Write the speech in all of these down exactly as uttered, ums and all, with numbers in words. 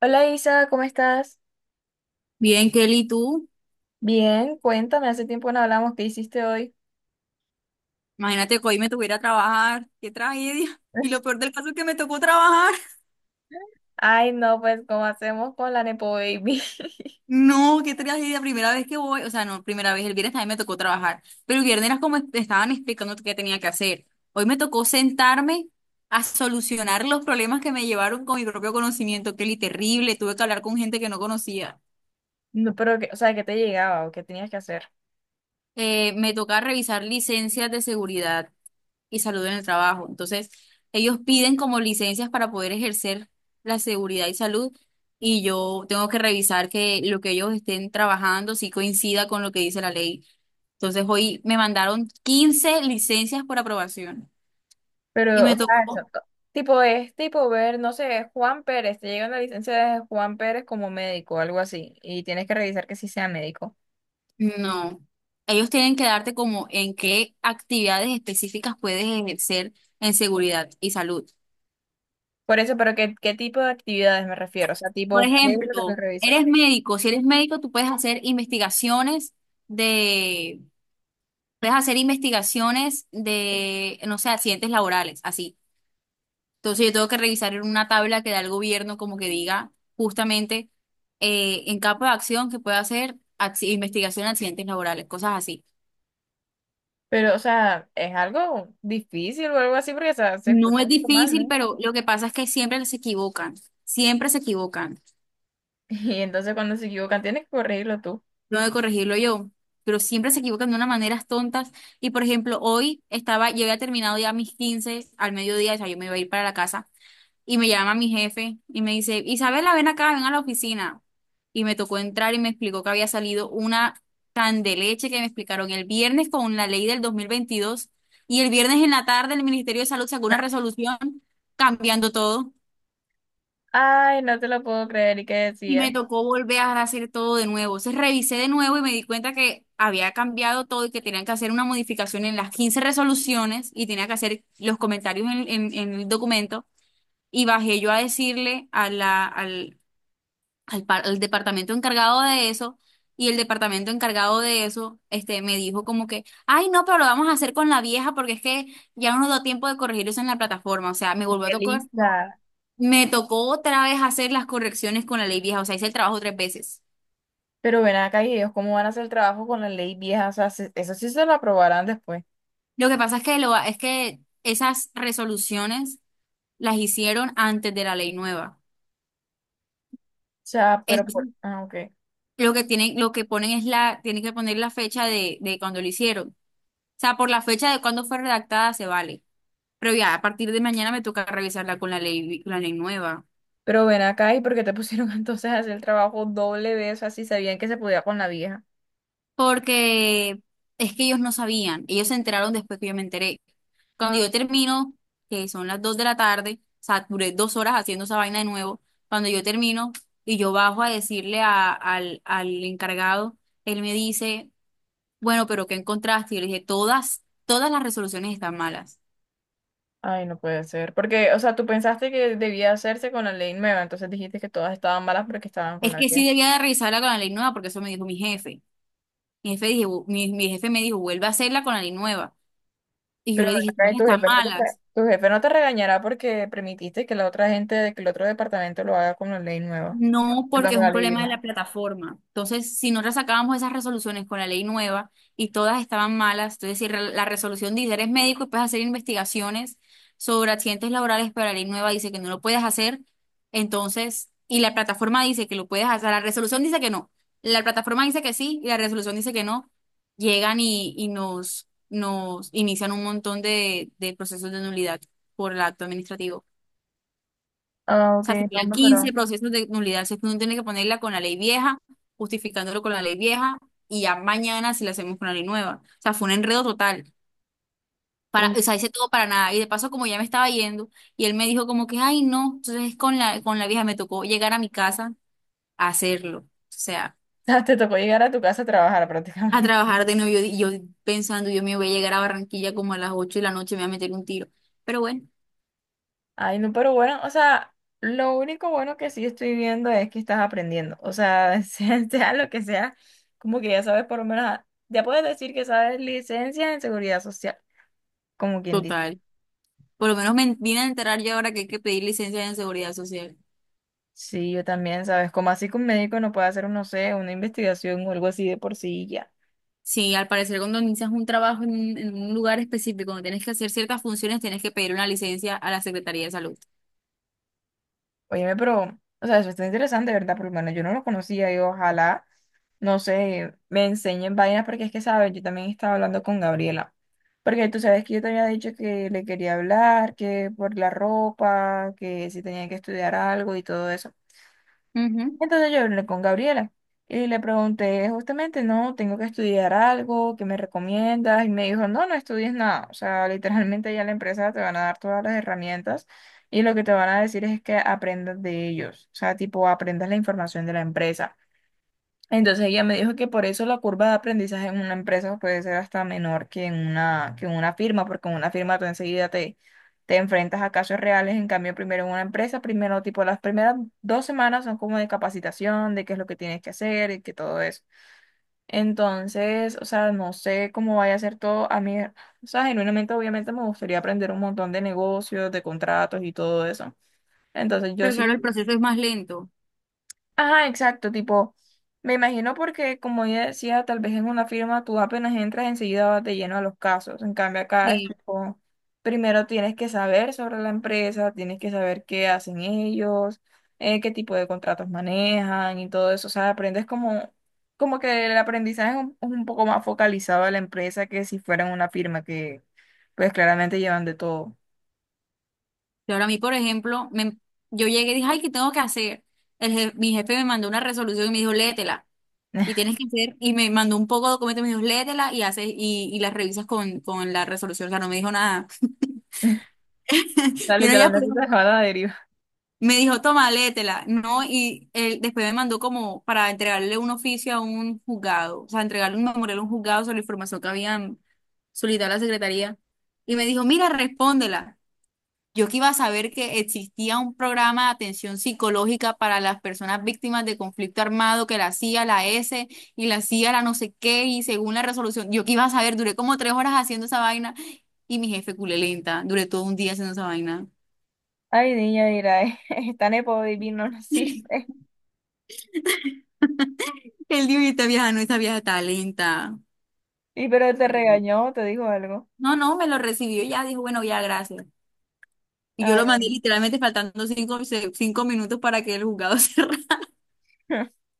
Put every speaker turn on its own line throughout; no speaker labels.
Hola Isa, ¿cómo estás?
Bien, Kelly, tú,
Bien, cuéntame, hace tiempo no hablamos, ¿qué hiciste hoy?
imagínate que hoy me tuviera a trabajar, qué tragedia. Y lo peor del caso es que me tocó trabajar.
Ay, no, pues, ¿cómo hacemos con la Nepo Baby?
No, qué tragedia, primera vez que voy, o sea, no, primera vez, el viernes también me tocó trabajar, pero el viernes era como es- estaban explicando qué tenía que hacer. Hoy me tocó sentarme a solucionar los problemas que me llevaron con mi propio conocimiento, Kelly, terrible, tuve que hablar con gente que no conocía.
No, pero, que, o sea, ¿qué te llegaba o qué tenías que hacer?
Eh, me toca revisar licencias de seguridad y salud en el trabajo. Entonces, ellos piden como licencias para poder ejercer la seguridad y salud, y yo tengo que revisar que lo que ellos estén trabajando sí coincida con lo que dice la ley. Entonces, hoy me mandaron quince licencias por aprobación y
Pero,
me
o sea,
tocó.
eso, co- tipo, es tipo ver, no sé, Juan Pérez, te llega una licencia de Juan Pérez como médico algo así, y tienes que revisar que sí sea médico.
No, ellos tienen que darte como en qué actividades específicas puedes ejercer en seguridad y salud.
Por eso, pero ¿qué, qué tipo de actividades me refiero? O sea,
Por
tipo, ¿qué es lo que me
ejemplo,
revisas?
eres médico. Si eres médico, tú puedes hacer investigaciones de es hacer investigaciones de, no sé, accidentes laborales, así. Entonces yo tengo que revisar en una tabla que da el gobierno como que diga justamente, eh, en campo de acción que puede hacer acci- investigación de accidentes laborales, cosas así.
Pero, o sea, ¿es algo difícil o algo así? Porque, o sea, se
No
escucha
es difícil,
normal.
pero lo que pasa es que siempre se equivocan, siempre se equivocan.
Y entonces cuando se equivocan, tienes que corregirlo tú.
No de corregirlo yo, pero siempre se equivocan de unas maneras tontas. Y por ejemplo, hoy estaba, yo había terminado ya mis quince al mediodía, o sea, yo me iba a ir para la casa. Y me llama mi jefe y me dice, Isabela, ven acá, ven a la oficina. Y me tocó entrar y me explicó que había salido una candeleche que me explicaron el viernes con la ley del dos mil veintidós, y el viernes en la tarde el Ministerio de Salud sacó una resolución cambiando todo,
Ay, no te lo puedo creer. ¿Y qué
y me
decía?
tocó volver a hacer todo de nuevo. Entonces revisé de nuevo y me di cuenta que había cambiado todo y que tenían que hacer una modificación en las quince resoluciones y tenía que hacer los comentarios en, en en el documento, y bajé yo a decirle a la, al, al, par- al departamento encargado de eso. Y el departamento encargado de eso, este, me dijo como que, ay, no, pero lo vamos a hacer con la vieja porque es que ya no nos dio tiempo de corregir eso en la plataforma. O sea, me volvió a
Qué
tocar,
lista.
me tocó otra vez hacer las correcciones con la ley vieja, o sea, hice el trabajo tres veces.
Pero ven acá, ¿y ellos cómo van a hacer el trabajo con la ley vieja? O sea, se- eso sí se lo aprobarán después. O
Lo que pasa es que, lo, es que esas resoluciones las hicieron antes de la ley nueva.
sea, pero por...
Entonces,
Ah, ok.
lo que tienen, lo que ponen es la, tienen que poner la fecha de, de cuando lo hicieron. O sea, por la fecha de cuando fue redactada se vale. Pero ya, a partir de mañana me toca revisarla con la ley, vi- con la ley nueva.
Pero ven acá, ¿y porque te pusieron entonces a hacer el trabajo doble vez, así sabían que se podía con la vieja?
Porque es que ellos no sabían. Ellos se enteraron después que yo me enteré. Cuando yo termino, que son las dos de la tarde, o sea, duré dos horas haciendo esa vaina de nuevo. Cuando yo termino y yo bajo a decirle a- al, al encargado, él me dice, bueno, pero ¿qué encontraste? Y yo le dije, todas, todas las resoluciones están malas.
Ay, no puede ser. Porque, o sea, tú pensaste que debía hacerse con la ley nueva, entonces dijiste que todas estaban malas porque estaban con
Es
la
que
vieja.
sí debía de revisarla con la ley nueva, porque eso me dijo mi jefe. Mi jefe, dije, mi mi jefe me dijo, vuelve a hacerla con la ley nueva. Y yo
Pero
le
ven
dije,
acá,
no,
¿y tu
están
jefe no te, re-
malas.
tu jefe no te regañará porque permitiste que la otra gente, que el otro departamento lo haga con la ley nueva?
No,
Perdón,
porque es
con la
un
ley
problema de
vieja.
la plataforma. Entonces, si nosotros sacábamos esas resoluciones con la ley nueva y todas estaban malas, entonces si re- la resolución dice, eres médico y puedes hacer investigaciones sobre accidentes laborales, pero la ley nueva dice que no lo puedes hacer, entonces, y la plataforma dice que lo puedes hacer, la resolución dice que no, la plataforma dice que sí y la resolución dice que no, llegan y, y nos, nos inician un montón de, de procesos de nulidad por el acto administrativo.
Ah,
O
ok,
sea,
no,
serían
hombre,
quince
pero...
procesos de nulidad. Si es que uno tiene que ponerla con la ley vieja, justificándolo con la ley vieja, y ya mañana si la hacemos con la ley nueva. O sea, fue un enredo total. Para,
uh,
o sea, hice todo para nada. Y de paso, como ya me estaba yendo, y él me dijo como que, ay, no, entonces con la, con la vieja me tocó llegar a mi casa a hacerlo. O sea,
Te tocó llegar a tu casa a trabajar
a
prácticamente.
trabajar de nuevo. Y Yo, yo pensando, yo me voy a llegar a Barranquilla como a las ocho de la noche, me voy a meter un tiro. Pero bueno,
Ay, no, pero bueno, o sea, lo único bueno que sí estoy viendo es que estás aprendiendo. O sea, sea, sea lo que sea, como que ya sabes por lo menos, ya puedes decir que sabes licencia en seguridad social, como quien dice.
total. Por lo menos me vine a enterar yo ahora que hay que pedir licencia en seguridad social.
Sí, yo también, ¿sabes? Como así que un médico no puede hacer, un, no sé, una investigación o algo así de por sí y ya.
Sí, al parecer cuando inicias un trabajo en, un en un lugar específico, cuando tienes que hacer ciertas funciones, tienes que pedir una licencia a la Secretaría de Salud.
Óyeme, pero, o sea, eso está interesante, ¿verdad? Por lo menos yo no lo conocía y ojalá, no sé, me enseñen vainas, porque es que, ¿sabes? Yo también estaba hablando con Gabriela. Porque tú sabes que yo te había dicho que le quería hablar, que por la ropa, que si tenía que estudiar algo y todo eso.
Ujú.
Entonces yo hablé con Gabriela y le pregunté justamente, no, ¿tengo que estudiar algo? ¿Qué me recomiendas? Y me dijo, no, no estudies nada. O sea, literalmente ya la empresa te van a dar todas las herramientas y lo que te van a decir es que aprendas de ellos. O sea, tipo, aprendas la información de la empresa. Entonces ella me dijo que por eso la curva de aprendizaje en una empresa puede ser hasta menor que en una, que en una firma, porque en una firma tú enseguida te, te enfrentas a casos reales, en cambio primero en una empresa, primero tipo las primeras dos semanas son como de capacitación, de qué es lo que tienes que hacer y que todo eso. Entonces, o sea, no sé cómo vaya a ser todo. A mí, o sea, genuinamente obviamente me gustaría aprender un montón de negocios, de contratos y todo eso. Entonces yo
Pero
sí.
claro, el proceso es más lento.
Ajá, exacto, tipo, me imagino, porque como ya decía, tal vez en una firma tú apenas entras enseguida vas de lleno a los casos, en cambio acá es
Sí.
tipo, primero tienes que saber sobre la empresa, tienes que saber qué hacen ellos, eh, qué tipo de contratos manejan y todo eso, o sea, aprendes como, como que el aprendizaje es un, es un poco más focalizado a la empresa que si fuera en una firma que pues claramente llevan de todo.
Y ahora a mí, por ejemplo, me, yo llegué y dije, ay, ¿qué tengo que hacer? El je- mi jefe me mandó una resolución y me dijo, léetela. Y tienes que hacer, y me mandó un poco de documentos y me dijo, léetela y haces, y, y las revisas con, con la resolución. O sea, no me dijo nada.
O sea,
Y no ya,
literalmente se va a la deriva.
me dijo, toma, léetela, ¿no? Y él después me mandó como para entregarle un oficio a un juzgado, o sea, entregarle un memorial a un juzgado sobre la información que habían solicitado a la secretaría. Y me dijo, mira, respóndela. Yo que iba a saber que existía un programa de atención psicológica para las personas víctimas de conflicto armado que la hacía la S y la hacía la no sé qué, y según la resolución, yo que iba a saber, duré como tres horas haciendo esa vaina y mi jefe culé lenta, duré todo un día haciendo esa vaina.
Ay, niña, dirá, esta nepo baby no nos sirve.
Él dijo, y esta vieja no, esta vieja está lenta.
¿Y pero te
Perdón.
regañó, te dijo algo?
No, no, me lo recibió y ya, dijo, bueno, ya, gracias. Y yo lo mandé
Ay,
literalmente faltando cinco, se- cinco minutos para que el juzgado cerrara.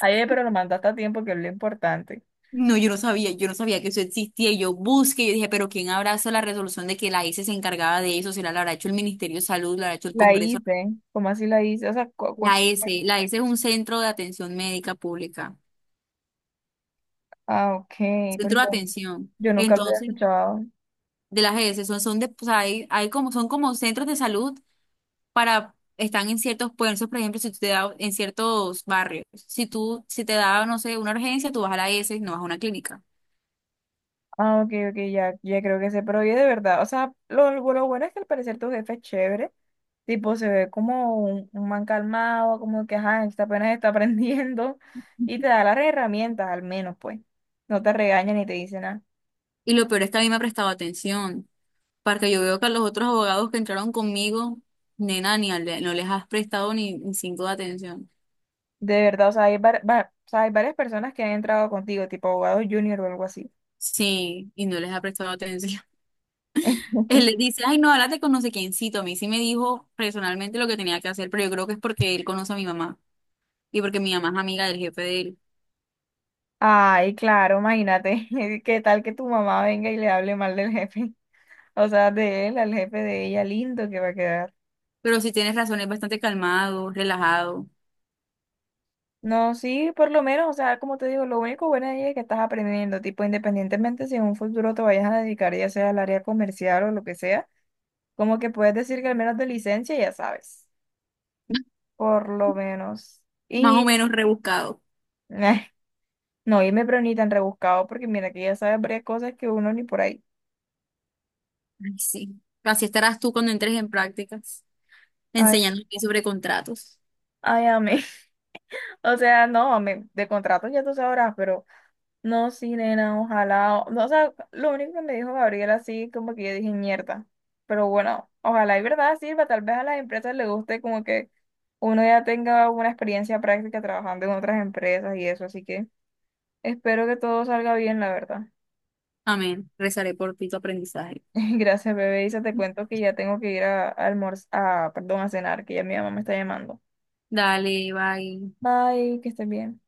ayer, pero lo mandaste a tiempo, que es lo importante.
No, yo no sabía, yo no sabía que eso existía. Y yo busqué, yo dije, pero ¿quién habrá hecho la resolución de que la S se encargaba de eso? ¿Si la habrá hecho el Ministerio de Salud, la habrá hecho el
La
Congreso?
hice. ¿Cómo así la hice? O sea, cu- cu-
La S, la S es un centro de atención médica pública,
ah, ok,
centro
porque
de atención.
yo nunca lo había
Entonces,
escuchado.
de las S, son, son de, o sea, hay, hay como, son como centros de salud para, están en ciertos puestos. Por ejemplo, si tú te da en ciertos barrios, si tú, si te da, no sé, una urgencia, tú vas a la S y no vas a una clínica.
Ah, ok, ok, ya, ya creo que sé, pero oye, de verdad, o sea, lo, lo bueno es que al parecer tu jefe es chévere, tipo, se ve como un, un man calmado, como que, ajá, está apenas está aprendiendo, y te da las herramientas, al menos, pues, no te regaña ni te dice nada.
Y lo peor es que a mí me ha prestado atención, porque yo veo que a los otros abogados que entraron conmigo, nena, ni al- no les has prestado ni, ni cinco de atención.
De verdad, o sea, hay, var- va- o sea, hay varias personas que han entrado contigo, tipo abogado junior o algo así.
Sí, y no les ha prestado atención. Él le dice, ay, no, háblate con no sé quiéncito. A mí sí me dijo personalmente lo que tenía que hacer, pero yo creo que es porque él conoce a mi mamá y porque mi mamá es amiga del jefe de él.
Ay, claro, imagínate, qué tal que tu mamá venga y le hable mal del jefe, o sea, de él al jefe de ella, lindo que va a quedar.
Pero sí tienes razón, es bastante calmado, relajado.
No, sí, por lo menos, o sea, como te digo, lo único bueno de ella es que estás aprendiendo, tipo, independientemente si en un futuro te vayas a dedicar ya sea al área comercial o lo que sea, como que puedes decir que al menos de licencia ya sabes, por lo menos.
Más o
Y
menos rebuscado.
no irme, pero ni tan rebuscado, porque mira que ya sabes varias cosas que uno ni por ahí.
Ay, sí. Así estarás tú cuando entres en prácticas,
Ay,
enseñando aquí sobre contratos.
ay, amé. O sea, no, amé, de contratos ya tú sabrás, pero no, sí, nena, ojalá. o- No, o sea, lo único que me dijo Gabriel así, como que yo dije, mierda. Pero bueno, ojalá y verdad sirva, tal vez a las empresas les guste como que uno ya tenga una experiencia práctica trabajando en otras empresas y eso, así que espero que todo salga bien, la verdad.
Amén. Rezaré por ti tu aprendizaje.
Gracias, bebé. Isa, te cuento que ya tengo que ir a, a almorzar, a, perdón, a cenar, que ya mi mamá me está llamando.
Dale, bye.
Bye, que estén bien.